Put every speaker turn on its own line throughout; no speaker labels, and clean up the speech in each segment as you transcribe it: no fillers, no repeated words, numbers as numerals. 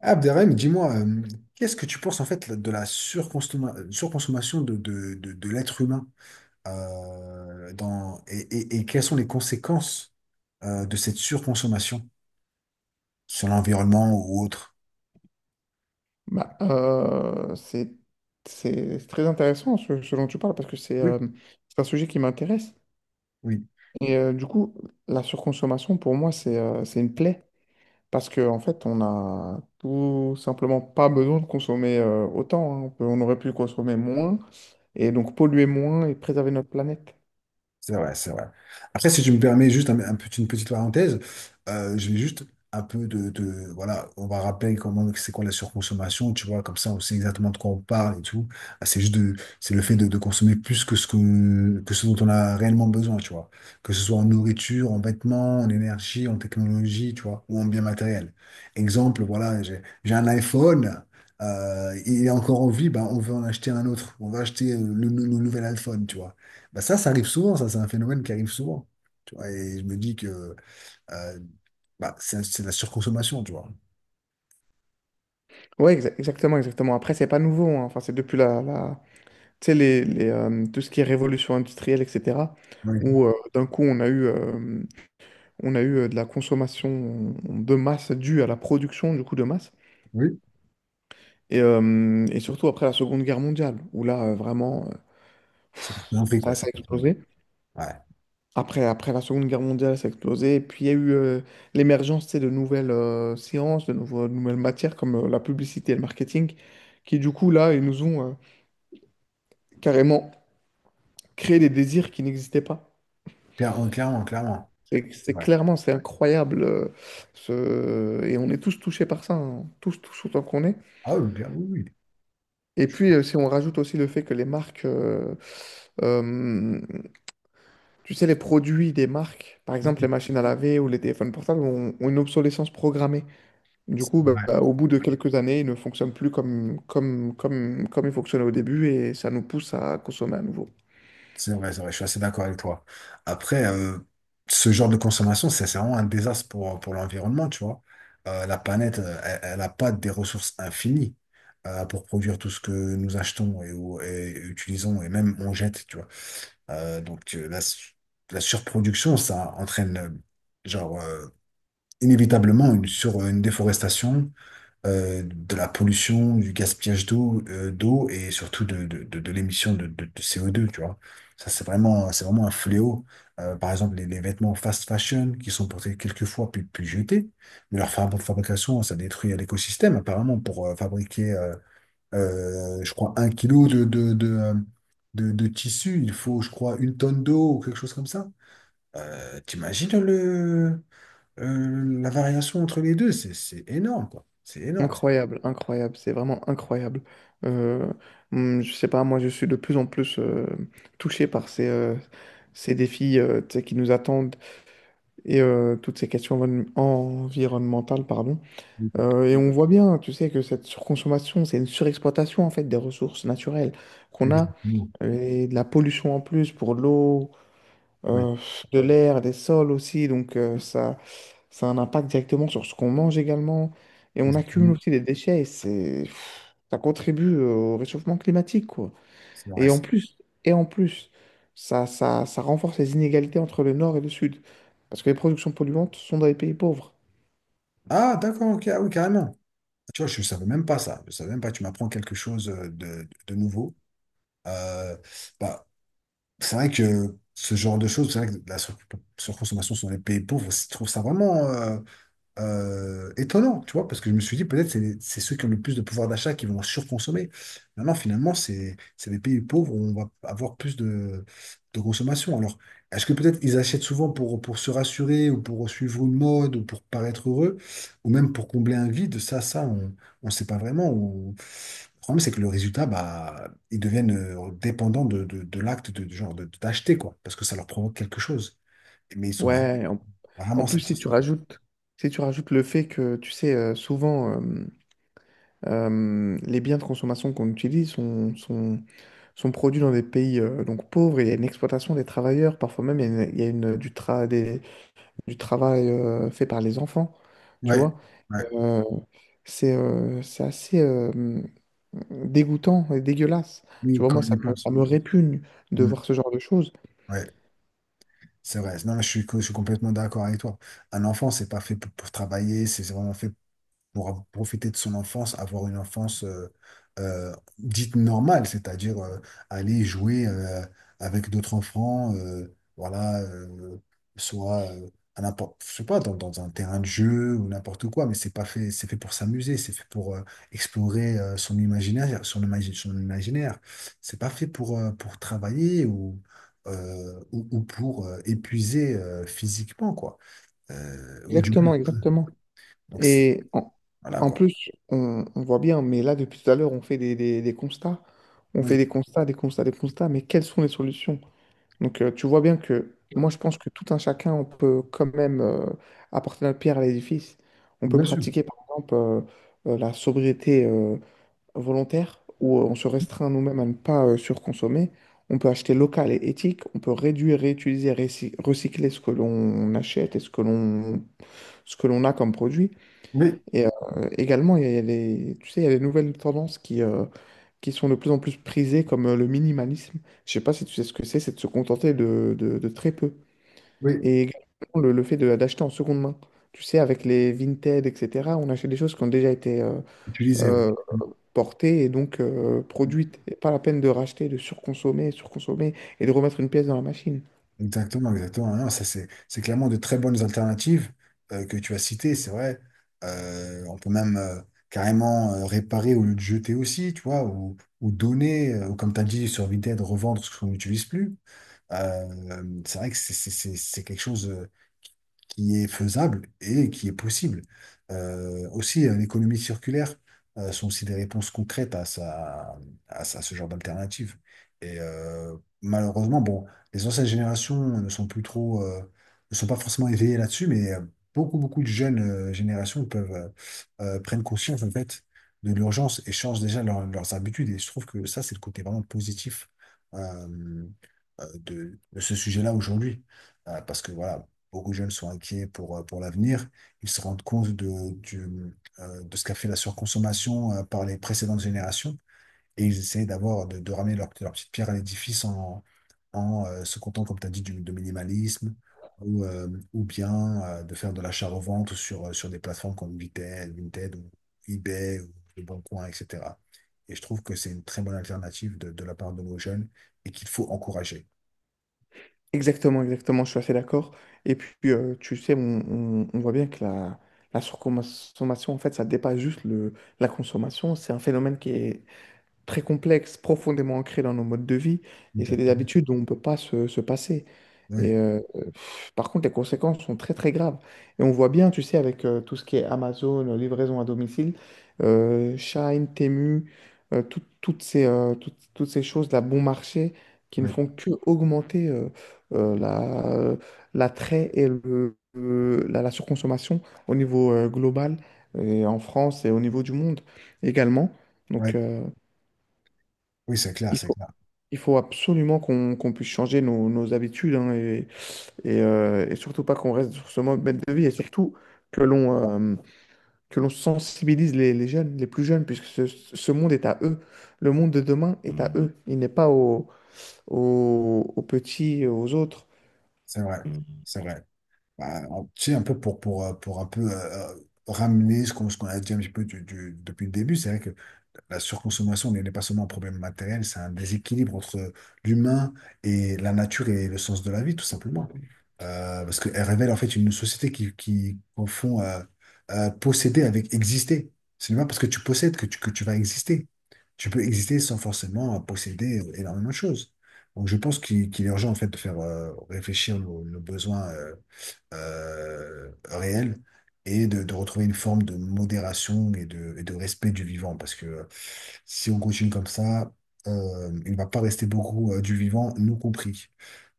Abderrahim, dis-moi, qu'est-ce que tu penses en fait de la surconsommation de l'être humain dans, et quelles sont les conséquences de cette surconsommation sur l'environnement ou autre?
C'est c'est très intéressant ce, ce dont tu parles parce que
Oui.
c'est un sujet qui m'intéresse.
Oui.
Et du coup, la surconsommation, pour moi, c'est une plaie parce que en fait, on a tout simplement pas besoin de consommer autant, hein. On aurait pu consommer moins et donc polluer moins et préserver notre planète.
C'est vrai, c'est vrai. Après, si tu me permets juste un une petite parenthèse, je vais juste un peu voilà, on va rappeler comment c'est quoi la surconsommation, tu vois, comme ça on sait exactement de quoi on parle et tout. Ah, c'est juste de, c'est le fait de consommer plus que ce dont on a réellement besoin, tu vois. Que ce soit en nourriture, en vêtements, en énergie, en technologie, tu vois, ou en biens matériels. Exemple, voilà, j'ai un iPhone. Il est encore en vie, ben, on veut en acheter un autre. On va acheter le, le nouvel iPhone, tu vois. Bah ça, ça arrive souvent, ça, c'est un phénomène qui arrive souvent. Tu vois, et je me dis que euh, bah, c'est de la surconsommation, tu vois.
Oui, exactement, exactement. Après, c'est pas nouveau, hein. Enfin, c'est depuis tu sais, tout ce qui est révolution industrielle, etc.,
Oui,
où d'un coup, on a eu de la consommation de masse due à la production, du coup, de masse.
oui.
Et surtout après la Seconde Guerre mondiale, où là, vraiment,
C'est pas bien vrai, quoi,
ça a
c'est pas bien vrai.
explosé.
Ouais.
Après, après la Seconde Guerre mondiale, ça a explosé. Et puis, il y a eu l'émergence, tu sais, de nouvelles sciences, de nouvelles matières, comme la publicité et le marketing, qui, du coup, là, ils nous ont carrément créé des désirs qui n'existaient pas.
Clairement, clairement, clairement.
C'est
C'est
c'est
vrai.
clairement, c'est incroyable. Et on est tous touchés par ça, hein. Tous, tous autant qu'on est.
Ah oui, bien, oui, oui.
Et puis, si on rajoute aussi le fait que euh, tu sais, les produits des marques, par
Oui,
exemple les
oui.
machines à laver ou les téléphones portables, ont une obsolescence programmée. Du
C'est
coup,
vrai,
au bout de quelques années, ils ne fonctionnent plus comme ils fonctionnaient au début, et ça nous pousse à consommer à nouveau.
c'est vrai, c'est vrai, je suis assez d'accord avec toi. Après, ce genre de consommation, c'est vraiment un désastre pour l'environnement, tu vois. La planète, elle n'a pas des ressources infinies pour produire tout ce que nous achetons et utilisons et même on jette, tu vois. Donc la, la surproduction, ça entraîne genre euh, inévitablement une déforestation, de la pollution, du gaspillage d'eau, d'eau et surtout de l'émission de CO2, tu vois. Ça, c'est vraiment un fléau. Par exemple, les vêtements fast fashion qui sont portés quelques fois puis jetés, mais leur fabrication, ça détruit l'écosystème apparemment pour fabriquer je crois, un kilo de tissu, il faut, je crois, une tonne d'eau ou quelque chose comme ça. T'imagines le, la variation entre les deux, c'est énorme, quoi. C'est énorme.
Incroyable, incroyable, c'est vraiment incroyable. Euh, je sais pas, moi je suis de plus en plus touché par ces défis tu sais, qui nous attendent, et toutes ces questions environnementales, pardon. Et on voit bien, tu sais, que cette surconsommation, c'est une surexploitation en fait des ressources naturelles qu'on a,
Exactement.
et de la pollution en plus pour l'eau,
Oui,
euh, de l'air, des sols aussi, donc ça. Ça a un impact directement sur ce qu'on mange également. Et on accumule
exactement.
aussi des déchets. Et ça contribue au réchauffement climatique, quoi.
C'est vrai.
Et en plus, et en plus, ça renforce les inégalités entre le nord et le sud. Parce que les productions polluantes sont dans les pays pauvres.
Ah, d'accord, ok, ah oui, carrément. Tu vois, je ne savais même pas ça. Je savais même pas, tu m'apprends quelque chose de nouveau. Euh, bah, c'est vrai que ce genre de choses, c'est vrai que la surconsommation sur les pays pauvres, je trouve ça vraiment. Étonnant, tu vois, parce que je me suis dit, peut-être c'est ceux qui ont le plus de pouvoir d'achat qui vont surconsommer. Maintenant, finalement, c'est les pays pauvres où on va avoir plus de consommation. Alors, est-ce que peut-être ils achètent souvent pour se rassurer ou pour suivre une mode ou pour paraître heureux ou même pour combler un vide? Ça, on ne sait pas vraiment. Ou... Le problème, c'est que le résultat, bah, ils deviennent dépendants de l'acte de, d'acheter, quoi, parce que ça leur provoque quelque chose. Mais ils sont
Ouais, en, En
rarement
plus,
satisfaits, quoi.
si tu rajoutes le fait que, tu sais, souvent, les biens de consommation qu'on utilise sont produits dans des pays donc pauvres, et il y a une exploitation des travailleurs, parfois même il y a une- du travail, fait par les enfants, tu
Ouais.
vois.
Ouais.
Euh, c'est assez dégoûtant et dégueulasse. Tu
Oui,
vois,
quand
moi,
on y pense.
ça me répugne de
Mm.
voir ce genre de choses.
Ouais, c'est vrai. Non, je suis, je suis complètement d'accord avec toi. Un enfant, c'est pas fait pour travailler, c'est vraiment fait pour profiter de son enfance, avoir une enfance dite normale, c'est-à-dire aller jouer avec d'autres enfants, voilà, soit à n'importe, je sais pas, dans, dans un terrain de jeu ou n'importe quoi, mais c'est pas fait, c'est fait pour s'amuser, c'est fait pour explorer son imaginaire, son imaginaire. C'est pas fait pour travailler ou ou pour épuiser physiquement quoi. Ou du coup.
Exactement, exactement.
Donc
Et en,
voilà
En
quoi.
plus, on voit bien, mais là, depuis tout à l'heure, on fait des constats. On fait
Oui.
des constats, des constats, des constats, mais quelles sont les solutions? Donc, tu vois bien que moi, je pense que tout un chacun, on peut quand même apporter notre pierre à l'édifice. On peut
Bien sûr.
pratiquer, par exemple, la sobriété volontaire où on se restreint nous-mêmes à ne pas surconsommer. On peut acheter local et éthique, on peut réduire, réutiliser, recycler ce que l'on achète et ce que l'on a comme produit.
Oui,
Et également, il y a des, tu sais, il y a des nouvelles tendances qui sont de plus en plus prisées, comme le minimalisme. Je sais pas si tu sais ce que c'est de se contenter de très peu.
oui,
Et également le fait d'acheter en seconde main. Tu sais, avec les Vinted, etc., on achète des choses qui ont déjà été
utiliser, oui.
euh, portée et donc produite. Et pas la peine de racheter, de surconsommer, surconsommer et de remettre une pièce dans la machine.
Exactement, exactement. Non, ça, c'est clairement de très bonnes alternatives que tu as citées, c'est vrai. On peut même carrément réparer au lieu de jeter aussi, tu vois, ou donner, ou comme tu as dit, sur Vinted, revendre ce qu'on n'utilise plus. C'est vrai que c'est quelque chose qui est faisable et qui est possible. Aussi, l'économie circulaire sont aussi des réponses concrètes à, ça, à ce genre d'alternative. Et malheureusement, bon, les anciennes générations ne sont plus trop, ne sont pas forcément éveillées là-dessus, mais beaucoup, beaucoup de jeunes générations peuvent prennent conscience en fait de l'urgence et changent déjà leurs habitudes. Et je trouve que ça, c'est le côté vraiment positif euh, de ce sujet-là aujourd'hui. Parce que voilà, beaucoup de jeunes sont inquiets pour l'avenir. Ils se rendent compte de ce qu'a fait la surconsommation par les précédentes générations. Et ils essaient d'avoir, de ramener leur, leur petite pierre à l'édifice en, en se contentant, comme tu as dit, du, de minimalisme. Ou ou bien de faire de l'achat-revente sur, sur des plateformes comme Vinted, Vinted ou eBay ou Le Bon Coin, etc. Et je trouve que c'est une très bonne alternative de la part de nos jeunes et qu'il faut encourager.
Exactement, exactement, je suis assez d'accord. Et puis, tu sais, on voit bien que la surconsommation, en fait, ça dépasse juste la consommation. C'est un phénomène qui est très complexe, profondément ancré dans nos modes de vie,
Tout
et
à
c'est
fait.
des habitudes dont on ne peut pas se passer. Et,
Oui,
euh, Par contre, les conséquences sont très très graves. Et on voit bien, tu sais, avec tout ce qui est Amazon, livraison à domicile, Shein, Temu, toutes ces, toutes ces choses, la bon marché, qui ne
oui,
font que augmenter euh, la, l'attrait et la surconsommation au niveau global, et en France et au niveau du monde également.
oui,
Donc,
oui, c'est clair,
il
c'est
faut,
clair.
il faut absolument qu'on puisse changer nos habitudes, hein, et surtout pas qu'on reste sur ce mode de vie et surtout que l'on euh, que l'on sensibilise les jeunes, les plus jeunes, puisque ce monde est à eux. Le monde de demain est à eux. Il n'est pas aux petits, aux autres.
C'est vrai, c'est vrai. Bah, tu sais, un peu pour un peu ramener ce qu'on a dit un petit peu depuis le début, c'est vrai la surconsommation n'est pas seulement un problème matériel, c'est un déséquilibre entre l'humain et la nature et le sens de la vie, tout simplement. Parce qu'elle révèle en fait une société qui confond posséder avec exister. C'est pas parce que tu possèdes que tu vas exister. Tu peux exister sans forcément posséder énormément de choses. Donc je pense qu'il est urgent en fait de faire réfléchir nos, nos besoins réel et de retrouver une forme de modération et de respect du vivant. Parce que si on continue comme ça, il ne va pas rester beaucoup du vivant, nous compris.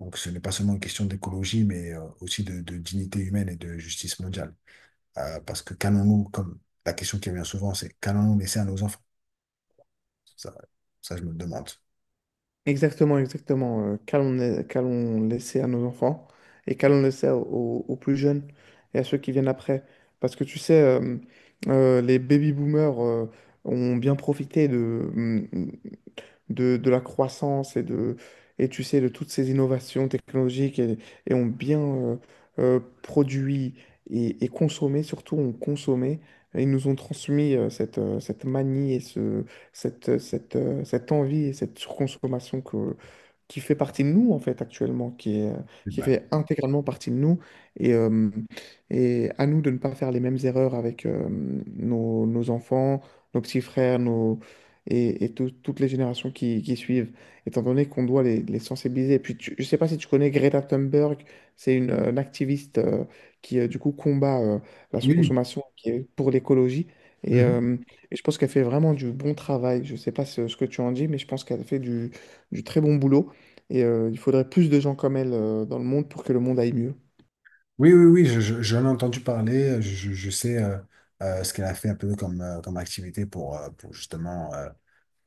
Donc ce n'est pas seulement une question d'écologie, mais aussi de dignité humaine et de justice mondiale. Parce que comme la question qui revient souvent, c'est qu'allons-nous laisser à nos enfants? Ça, ça je me le demande.
Exactement, exactement. Qu'allons laisser à nos enfants et qu'allons laisser aux plus jeunes et à ceux qui viennent après. Parce que tu sais, les baby boomers ont bien profité de la croissance et de, et tu sais, de toutes ces innovations technologiques et ont bien produit et consommé, surtout ont consommé. Et ils nous ont transmis cette manie et cette envie et cette surconsommation qui fait partie de nous, en fait, actuellement,
Eh
qui
ben,
fait intégralement partie de nous. Et, euh, et à nous de ne pas faire les mêmes erreurs avec nos enfants, nos petits frères, nos, et, toutes les générations qui suivent, étant donné qu'on doit les sensibiliser. Et puis, je ne sais pas si tu connais Greta Thunberg, c'est une activiste du coup, combat la
Oui.
surconsommation qui est pour l'écologie. Et, euh, et je pense qu'elle fait vraiment du bon travail. Je ne sais pas ce que tu en dis, mais je pense qu'elle fait du très bon boulot. Et il faudrait plus de gens comme elle dans le monde pour que le monde aille mieux.
Oui, oui, oui, j'en ai entendu parler, je sais ce qu'elle a fait un peu comme, comme activité pour justement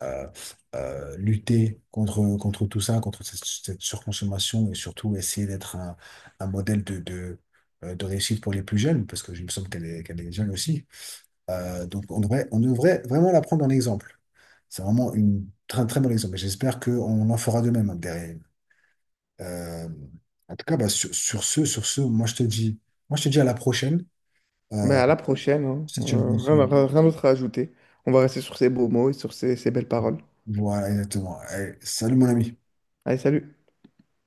euh, lutter contre, contre tout ça, contre cette, cette surconsommation et surtout essayer d'être un modèle de, de réussite pour les plus jeunes, parce que je me semble qu'elle est jeune aussi. Donc on devrait vraiment la prendre en exemple. C'est vraiment une, très, très bon exemple et j'espère qu'on en fera de même hein, derrière. Euh, en tout cas, bah, sur, sur ce, moi je te dis, moi je te dis à la prochaine.
Mais
Euh,
à la prochaine, hein.
si tu veux,
Rien d'autre à ajouter. On va rester sur ces beaux mots et sur ces belles paroles.
voilà, exactement. Allez, salut mon ami.
Allez, salut!